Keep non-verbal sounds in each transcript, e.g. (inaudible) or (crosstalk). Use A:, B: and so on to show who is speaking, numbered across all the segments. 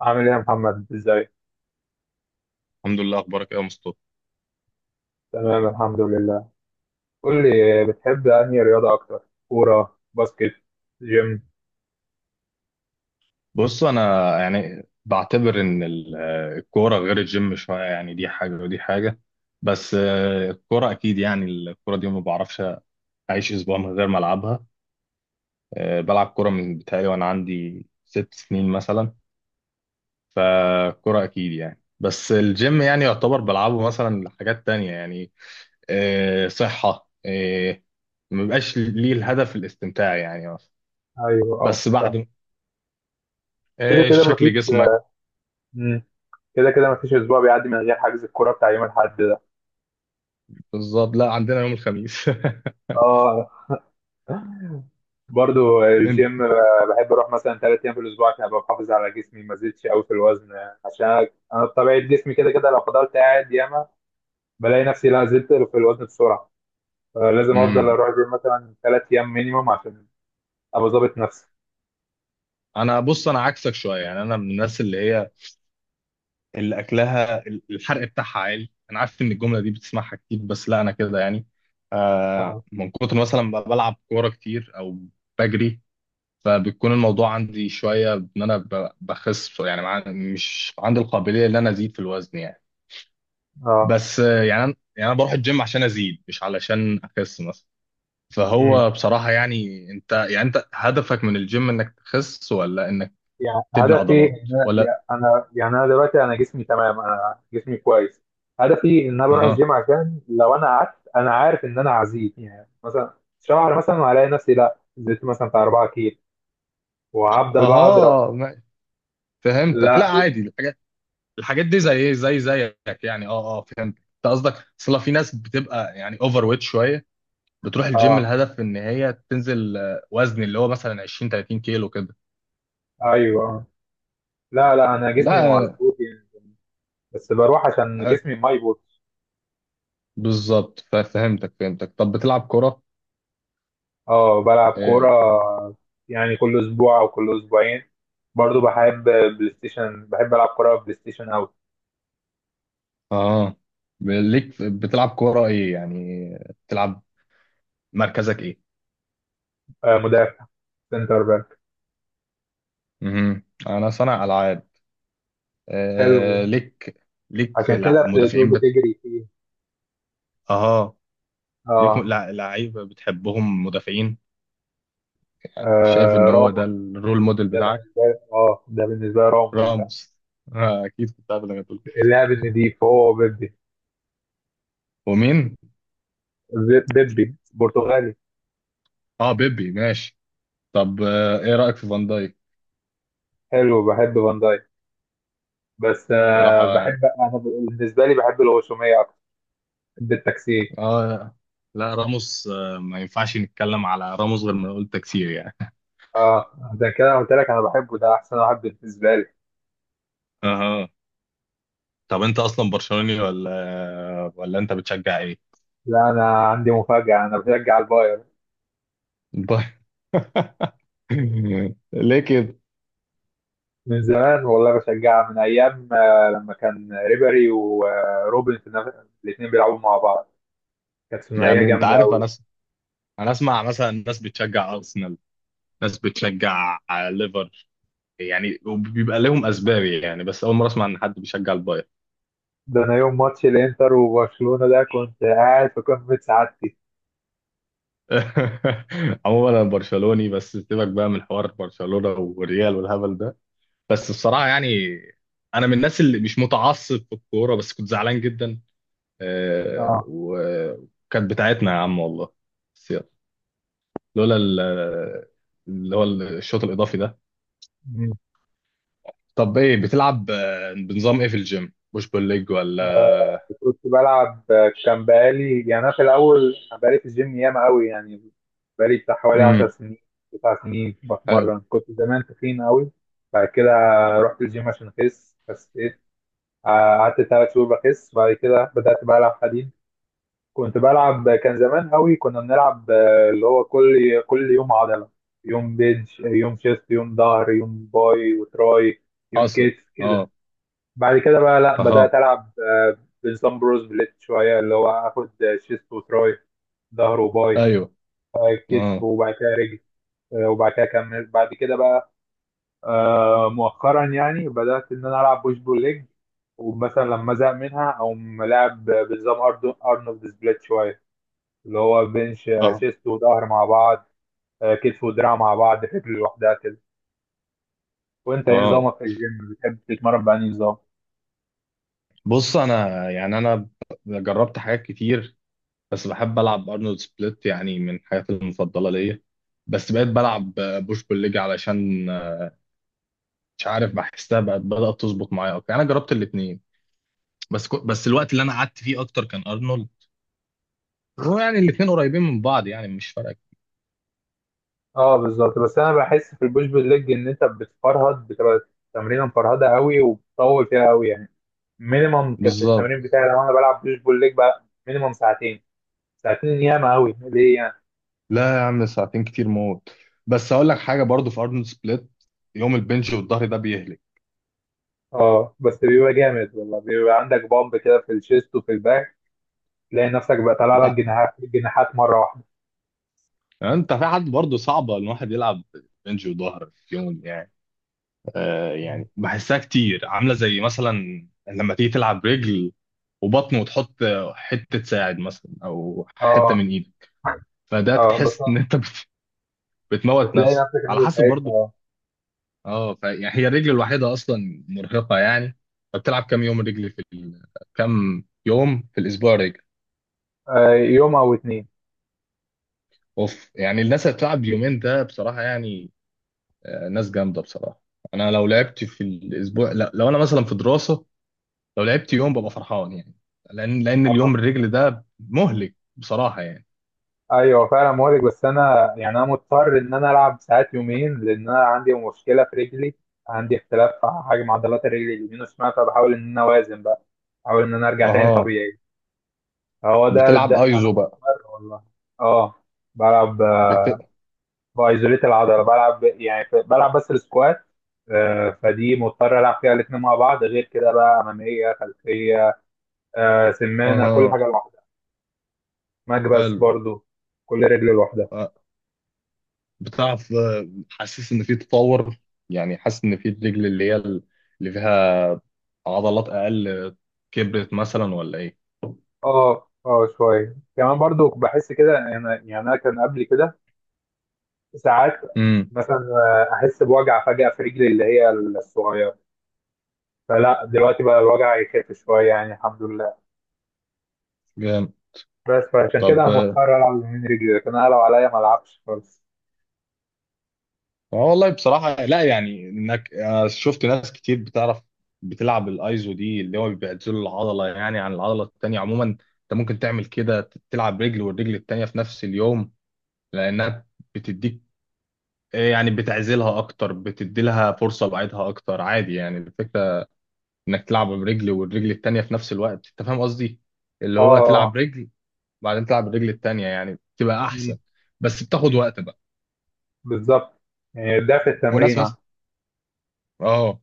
A: عامل ايه يا محمد ازاي؟
B: الحمد لله. اخبارك ايه يا مصطفى؟
A: تمام، الحمد لله. قول لي، بتحب انهي رياضه اكتر؟ كوره، باسكت، جيم؟
B: بص انا يعني بعتبر ان الكوره غير الجيم شويه، يعني دي حاجه ودي حاجه. بس الكوره اكيد يعني، الكوره دي ما بعرفش اعيش اسبوع من غير ما العبها. بلعب كوره من بتهيألي وانا عندي 6 سنين مثلا. فالكوره اكيد يعني. بس الجيم يعني يعتبر بلعبه مثلا لحاجات تانية يعني صحه، ما بيبقاش ليه الهدف الاستمتاع يعني مثلا.
A: ايوه، اه،
B: بس
A: صح.
B: بعد
A: كده كده مفيش.
B: شكل جسمك.
A: مم. كده كده مفيش اسبوع بيعدي من غير حجز الكوره بتاع يوم الاحد ده.
B: بالظبط، لا عندنا يوم الخميس.
A: اه، برضو
B: (laughs)
A: الجيم،
B: انت.
A: بحب اروح مثلا 3 ايام في الاسبوع عشان ابقى محافظ على جسمي، ما زدتش قوي في الوزن. عشان انا بطبيعه جسمي كده كده لو فضلت قاعد ياما بلاقي نفسي لا زدت في الوزن بسرعه. لازم افضل
B: امم
A: اروح الجيم مثلا 3 ايام مينيموم عشان ابقى ظابط نفسي.
B: انا، بص انا عكسك شويه يعني، انا من الناس اللي هي اللي اكلها الحرق بتاعها عالي. انا عارف ان الجمله دي بتسمعها كتير، بس لا انا كده يعني، آه،
A: اه،
B: من كتر مثلا ما بلعب كوره كتير او بجري. فبتكون الموضوع عندي شويه ان انا بخس يعني، مش عندي القابليه ان انا ازيد في الوزن يعني.
A: اه،
B: بس يعني انا بروح الجيم عشان ازيد مش علشان اخس مثلا.
A: امم،
B: فهو بصراحة يعني، انت يعني انت هدفك من الجيم انك تخس ولا انك
A: يعني
B: تبني
A: هدفي
B: عضلات
A: ان انا
B: ولا؟
A: يعني انا دلوقتي، انا جسمي تمام، انا جسمي كويس. هدفي ان انا بروح
B: اها.
A: الجيم عشان لو انا قعدت انا عارف ان انا هزيد، يعني مثلا شهر مثلا، وهلاقي نفسي لا زدت مثلا بتاع 4 كيلو وهفضل بقى اضرب.
B: اها. فهمتك. لا
A: لا،
B: عادي الحاجات، دي زي ايه، زي زيك يعني. اه اه فهمت انت قصدك. اصل في ناس بتبقى يعني اوفر ويت شوية، بتروح الجيم
A: اه،
B: الهدف ان هي تنزل وزن اللي هو مثلا 20 30 كيلو كده.
A: ايوه آه. لا لا، انا جسمي
B: لا
A: مظبوط يعني، بس بروح عشان
B: هت-
A: جسمي ما يبوظ.
B: بالظبط. ففهمتك فهمتك. طب بتلعب كرة؟
A: اه، بلعب كورة
B: اه
A: يعني كل أسبوع أو كل أسبوعين. برضو بحب بلاي ستيشن، بحب ألعب كورة بلاي ستيشن أوي.
B: آه. ليك بتلعب كرة ايه يعني؟ بتلعب، مركزك ايه؟
A: آه، مدافع، سنتر باك.
B: مهم. انا صانع العاب.
A: حلو،
B: آه ليك. ليك
A: عشان كده بتقول
B: مدافعين
A: بتجري فيه.
B: اه ليك
A: اه،
B: لعيبه بتحبهم مدافعين؟ شايف ان
A: آه
B: هو ده
A: راموس.
B: الرول موديل
A: ده
B: بتاعك
A: بالنسبة لي، اه ده بالنسبة لي راموس بقى.
B: راموس؟ آه اكيد كنت عارف انك هتقول كده.
A: اللاعب النضيف هو بيبي.
B: ومين؟
A: بيبي برتغالي.
B: اه بيبي ماشي. طب آه ايه رايك في فان دايك؟
A: حلو، بحب فان دايك، بس آه
B: صراحه يعني.
A: بحب أنا، بالنسبة لي بحب الغشومية أكتر، بحب التكسير.
B: اه لا راموس آه، ما ينفعش نتكلم على راموس غير ما قلت كتير يعني.
A: اه، عشان كده أنا قلت لك أنا بحبه، ده أحسن واحد بالنسبة لي.
B: اها. طب انت اصلا برشلوني ولا انت بتشجع ايه؟
A: لا، انا عندي مفاجأة، انا بشجع الباير
B: (laughs) (laughs) ليه كده؟
A: من زمان، والله بشجعها من ايام، لما كان ريبري وروبن في نفس، الاثنين بيلعبوا مع بعض، كانت ثنائية
B: يعني انت
A: جامدة
B: عارف،
A: قوي.
B: انا اسمع مثلا ناس بتشجع ارسنال، ناس بتشجع ليفر يعني، وبيبقى لهم اسباب يعني. بس اول مره اسمع ان حد بيشجع البايرن.
A: ده انا يوم ماتش الانتر وبرشلونة ده كنت قاعد في قمة سعادتي.
B: (laughs) عموما انا برشلوني، بس سيبك بقى من حوار برشلونه والريال والهبل ده. بس بصراحه يعني انا من الناس اللي مش متعصب في الكوره، بس كنت زعلان جدا،
A: اه.
B: وكانت بتاعتنا يا عم والله. بس يلا. لولا اللي هو الشوط الاضافي ده.
A: مم.
B: طب ايه بتلعب بنظام ايه في الجيم، بوش بول ليج ولا؟
A: كنت بلعب، كان بقالي يعني انا في الاول، بقالي في الجيم ياما قوي يعني، بقالي بتاع حوالي 10
B: امم.
A: سنين، 9 سنين
B: حلو.
A: بتمرن. كنت زمان تخين قوي، بعد كده رحت الجيم عشان اخس بس. قعدت 3 شهور بخس، بعد كده بدأت بلعب حديد. كنت بلعب، كان زمان قوي كنا بنلعب، اللي هو كل يوم عضلة: يوم بيدج، يوم شيست، يوم ظهر، يوم باي وتراي، يوم
B: حاصل.
A: كتف كده.
B: اه.
A: بعد كده بقى، لا، بدأت
B: اها.
A: ألعب، بنظام بروز بليت شوية، اللي هو آخد شيست وتراي، ظهر وباي،
B: ايوه.
A: كتف،
B: اه.
A: وبعد كده رجل، وبعد كده أكمل بعد كده بقى، مؤخرا يعني بدأت إن أنا ألعب بوش بول ليج. ومثلا لما أزهق منها أو ملاعب بنظام أرنولد سبليت شوية، اللي هو بنش،
B: اه.
A: شيست وظهر مع بعض، كتف ودراع مع بعض، رجل لوحدها كده. وأنت إيه
B: اه
A: نظامك في الجيم، بتحب تتمرن بأنهي نظام؟
B: بص انا يعني جربت حاجات كتير. بس بحب العب ارنولد سبليت يعني من الحاجات المفضله ليا. بس بقيت بلعب بوش بول ليج علشان مش عارف بحسها بقت بدات تظبط معايا اكتر يعني. انا جربت الاثنين بس بس الوقت اللي انا قعدت فيه اكتر كان ارنولد. هو يعني الاثنين قريبين من بعض يعني مش فارقه.
A: أه، بالظبط، بس أنا بحس في البوش بول ليج إن أنت بتفرهد، بتبقى تمرينة مفرهدة قوي وبتطول فيها قوي يعني. مينيمم كان في
B: بالظبط.
A: التمرين بتاعي، لو أنا بلعب بوش بول ليج بقى مينيمم ساعتين. ساعتين ياما قوي ليه يعني.
B: لا يا عم ساعتين كتير موت. بس اقول لك حاجه برضو في ارنولد سبليت، يوم البنج والظهر ده بيهلك.
A: اه، بس بيبقى جامد، والله بيبقى عندك بامب كده في الشيست وفي الباك، تلاقي نفسك بقى طالع لك
B: انت
A: جناحات جناحات مره واحده.
B: انت في حد برضو صعبه الواحد يلعب بنج وظهر في يوم يعني. آه
A: مم.
B: يعني بحسها كتير عامله زي مثلا لما تيجي تلعب رجل وبطن وتحط حته ساعد مثلا او حته من
A: اه،
B: ايدك. فده
A: اه، بس
B: تحس ان انت بتموت
A: بتلاقي
B: نفسك
A: نفسك
B: على
A: انت
B: حسب
A: تعبت،
B: برضو.
A: اه.
B: اه يعني هي الرجل الوحيده اصلا مرهقه يعني. فبتلعب كام يوم رجل في كام يوم في الاسبوع رجل؟
A: آه، يوم او اتنين.
B: اوف يعني الناس اللي بتلعب يومين ده بصراحه يعني، ناس جامده بصراحه. انا لو لعبت في الاسبوع، لا لو انا مثلا في دراسه لو لعبت يوم ببقى فرحان يعني. لان
A: اه،
B: اليوم الرجل ده مهلك بصراحه يعني.
A: ايوه، فعلا مهلك، بس انا يعني انا مضطر ان انا العب ساعات يومين، لان انا عندي مشكله في رجلي. عندي اختلاف في حجم عضلات الرجل اليمين والشمال، فبحاول ان انا اوازن بقى، احاول ان انا ارجع تاني
B: اها.
A: طبيعي. هو ده
B: بتلعب
A: ده انا
B: ايزو بقى؟
A: مضطر والله. اه، بلعب
B: بت...
A: بايزوليت العضله بلعب يعني، بلعب بس السكوات. فدي مضطر العب فيها الاثنين مع بعض، غير كده بقى اماميه خلفيه، سمانه كل
B: اها
A: حاجه لوحدها. مكبس
B: حلو.
A: برضو، كل رجل لوحدها.
B: آه، بتعرف حاسس ان في تطور يعني، حاسس ان في الرجل اللي هي اللي فيها عضلات اقل كبرت مثلا ولا ايه؟
A: اه، اه، شويه كمان برضو بحس كده، انا يعني انا كان قبل كده ساعات
B: امم.
A: مثلا، احس بوجع فجاه في رجلي اللي هي الصغيره. فلا دلوقتي بقى الوجع يخف شويه يعني، الحمد لله.
B: جامد.
A: بس فعشان كده انا
B: طب
A: مضطر العب من رجلي، لكن انا لو عليا ما العبش خالص.
B: اه والله بصراحة، لا يعني انك شفت ناس كتير بتعرف بتلعب الايزو دي اللي هو بيعزل العضلة يعني عن العضلة التانية. عموما انت ممكن تعمل كده تلعب رجل والرجل التانية في نفس اليوم لانها بتديك يعني بتعزلها اكتر، بتدي لها فرصة بعيدها اكتر عادي يعني. الفكرة انك تلعب برجل والرجل التانية في نفس الوقت، انت فاهم قصدي؟ اللي
A: اه
B: هو تلعب
A: آه.
B: رجل وبعدين تلعب الرجل التانية يعني بتبقى احسن، بس بتاخد
A: مم.
B: وقت بقى.
A: بالظبط. يعني ده في
B: وناس
A: التمرين.
B: مثلا، اه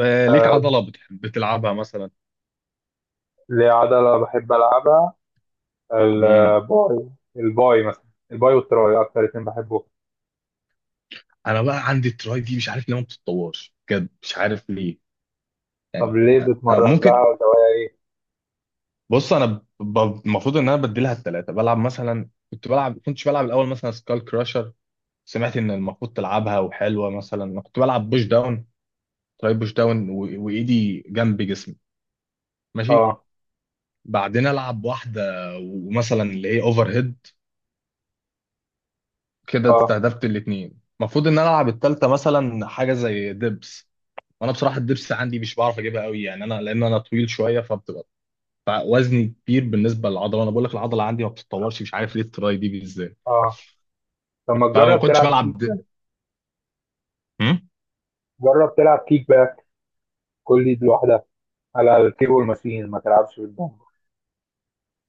B: ليك
A: آه،
B: عضلة بتلعبها مثلا.
A: ليه عضلة بحب ألعبها،
B: مم.
A: الباي. الباي مثلا، الباي والتراي أكتر اتنين بحبهم.
B: انا بقى عندي التراي دي مش عارف ليه ما بتتطورش بجد مش عارف ليه يعني.
A: طب ليه بتمرن لها
B: ممكن.
A: ولا هو إيه؟
B: بص انا المفروض ان انا بديلها الثلاثه، بلعب مثلا كنتش بلعب الاول مثلا سكال كراشر. سمعت ان المفروض تلعبها وحلوه. مثلا أنا كنت بلعب بوش داون، تراي بوش داون وايدي جنب جسمي ماشي.
A: آه،
B: بعدين العب واحده ومثلا اللي هي اوفر هيد كده،
A: آه،
B: استهدفت الاثنين. المفروض ان انا العب الثالثه مثلا حاجه زي دبس. وانا بصراحه الدبس عندي مش بعرف اجيبها قوي يعني، انا لان انا طويل شويه فبتبقى وزني كبير بالنسبه للعضله. انا بقول لك العضله عندي ما بتتطورش مش عارف ليه التراي دي بالذات.
A: آه. طب ما
B: فما
A: تجرب
B: كنتش
A: تلعب كيك
B: بلعب
A: بقى،
B: هم؟
A: جرب تلعب كيك بقى، كل دي لوحدها، على الكيبل ماشين، ما تلعبش بالدمبل.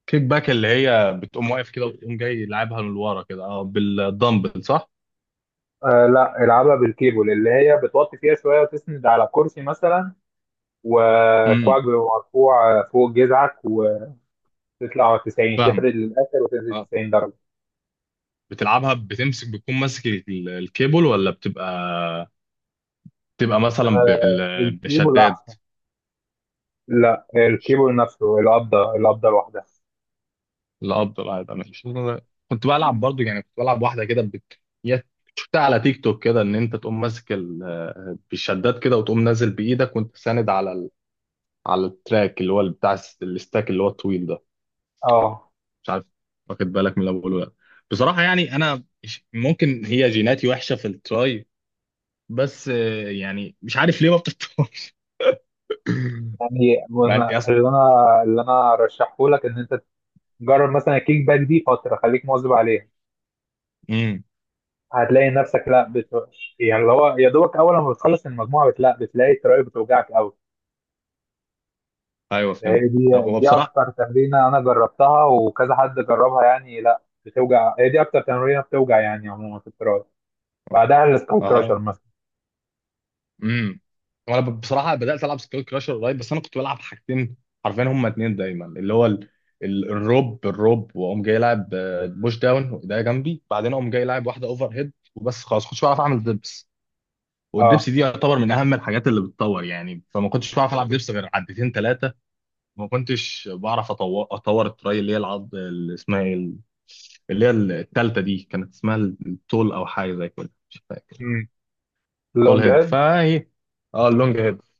B: كيك باك اللي هي بتقوم واقف كده وتقوم جاي لعبها من ورا كده اه بالدمبل صح؟
A: آه لا، العبها بالكيبل، اللي هي بتوطي فيها شوية وتسند على كرسي مثلا،
B: امم.
A: وكوعك بيبقى مرفوع فوق جذعك، وتطلع 90
B: فاهم.
A: تفرد للآخر وتنزل
B: اه.
A: 90 درجة.
B: بتلعبها، بتمسك بتكون ماسك الكيبل ولا بتبقى، بتبقى مثلا
A: الكيبل
B: بشداد؟
A: احسن. لا، الكيبل نفسه، القبضه، القبضه لوحدها.
B: الاب الابيض انا مش كنت بلعب برضو يعني كنت بلعب واحده كده هي شفتها على تيك توك كده ان انت تقوم ماسك بالشدات كده وتقوم نازل بايدك وانت ساند على على التراك اللي هو بتاع الستاك اللي هو الطويل ده.
A: اه،
B: مش عارف واخد بالك من اللي بقوله ده؟ بصراحه يعني انا ممكن هي جيناتي وحشه في التراي. بس يعني مش عارف ليه ما بتطورش. (laughs)
A: يعني
B: مع إن- يا
A: اللي
B: اسطى-
A: انا اللي انا ارشحه لك ان انت تجرب مثلا الكيك باك دي فتره، خليك مواظب عليها.
B: امم.
A: هتلاقي نفسك، لا يعني اللي هو يا دوبك اول ما بتخلص المجموعه، لا بتلاقي التراي بتوجعك قوي.
B: ايوه
A: هي
B: فهمت.
A: دي
B: هو
A: دي
B: بصراحه،
A: اكتر تمرينه انا جربتها وكذا حد جربها يعني، لا بتوجع، هي دي اكتر تمرينه بتوجع يعني، عموما في التراي، بعدها السكاي كراشر
B: اه.
A: مثلا.
B: امم. وانا بصراحه بدات العب سكيل كراشر قريب. بس انا كنت بلعب حاجتين حرفيا، هما اتنين دايما، اللي هو الروب، واقوم جاي لاعب بوش داون وايديا جنبي. بعدين اقوم جاي لاعب واحده اوفر هيد وبس خلاص، كنتش بعرف اعمل دبس. والدبس
A: اه،
B: دي يعتبر من اهم الحاجات اللي بتطور يعني، فما كنتش بعرف العب دبس غير عدتين ثلاثه. وما كنتش بعرف اطور التراي اللي هي العض اللي اسمها ايه اللي هي الثالثه دي كانت اسمها التول او حاجه زي كده مش فاكر.
A: امم،
B: تول هيد
A: اللونج.
B: فهي. اه اللونج هيد.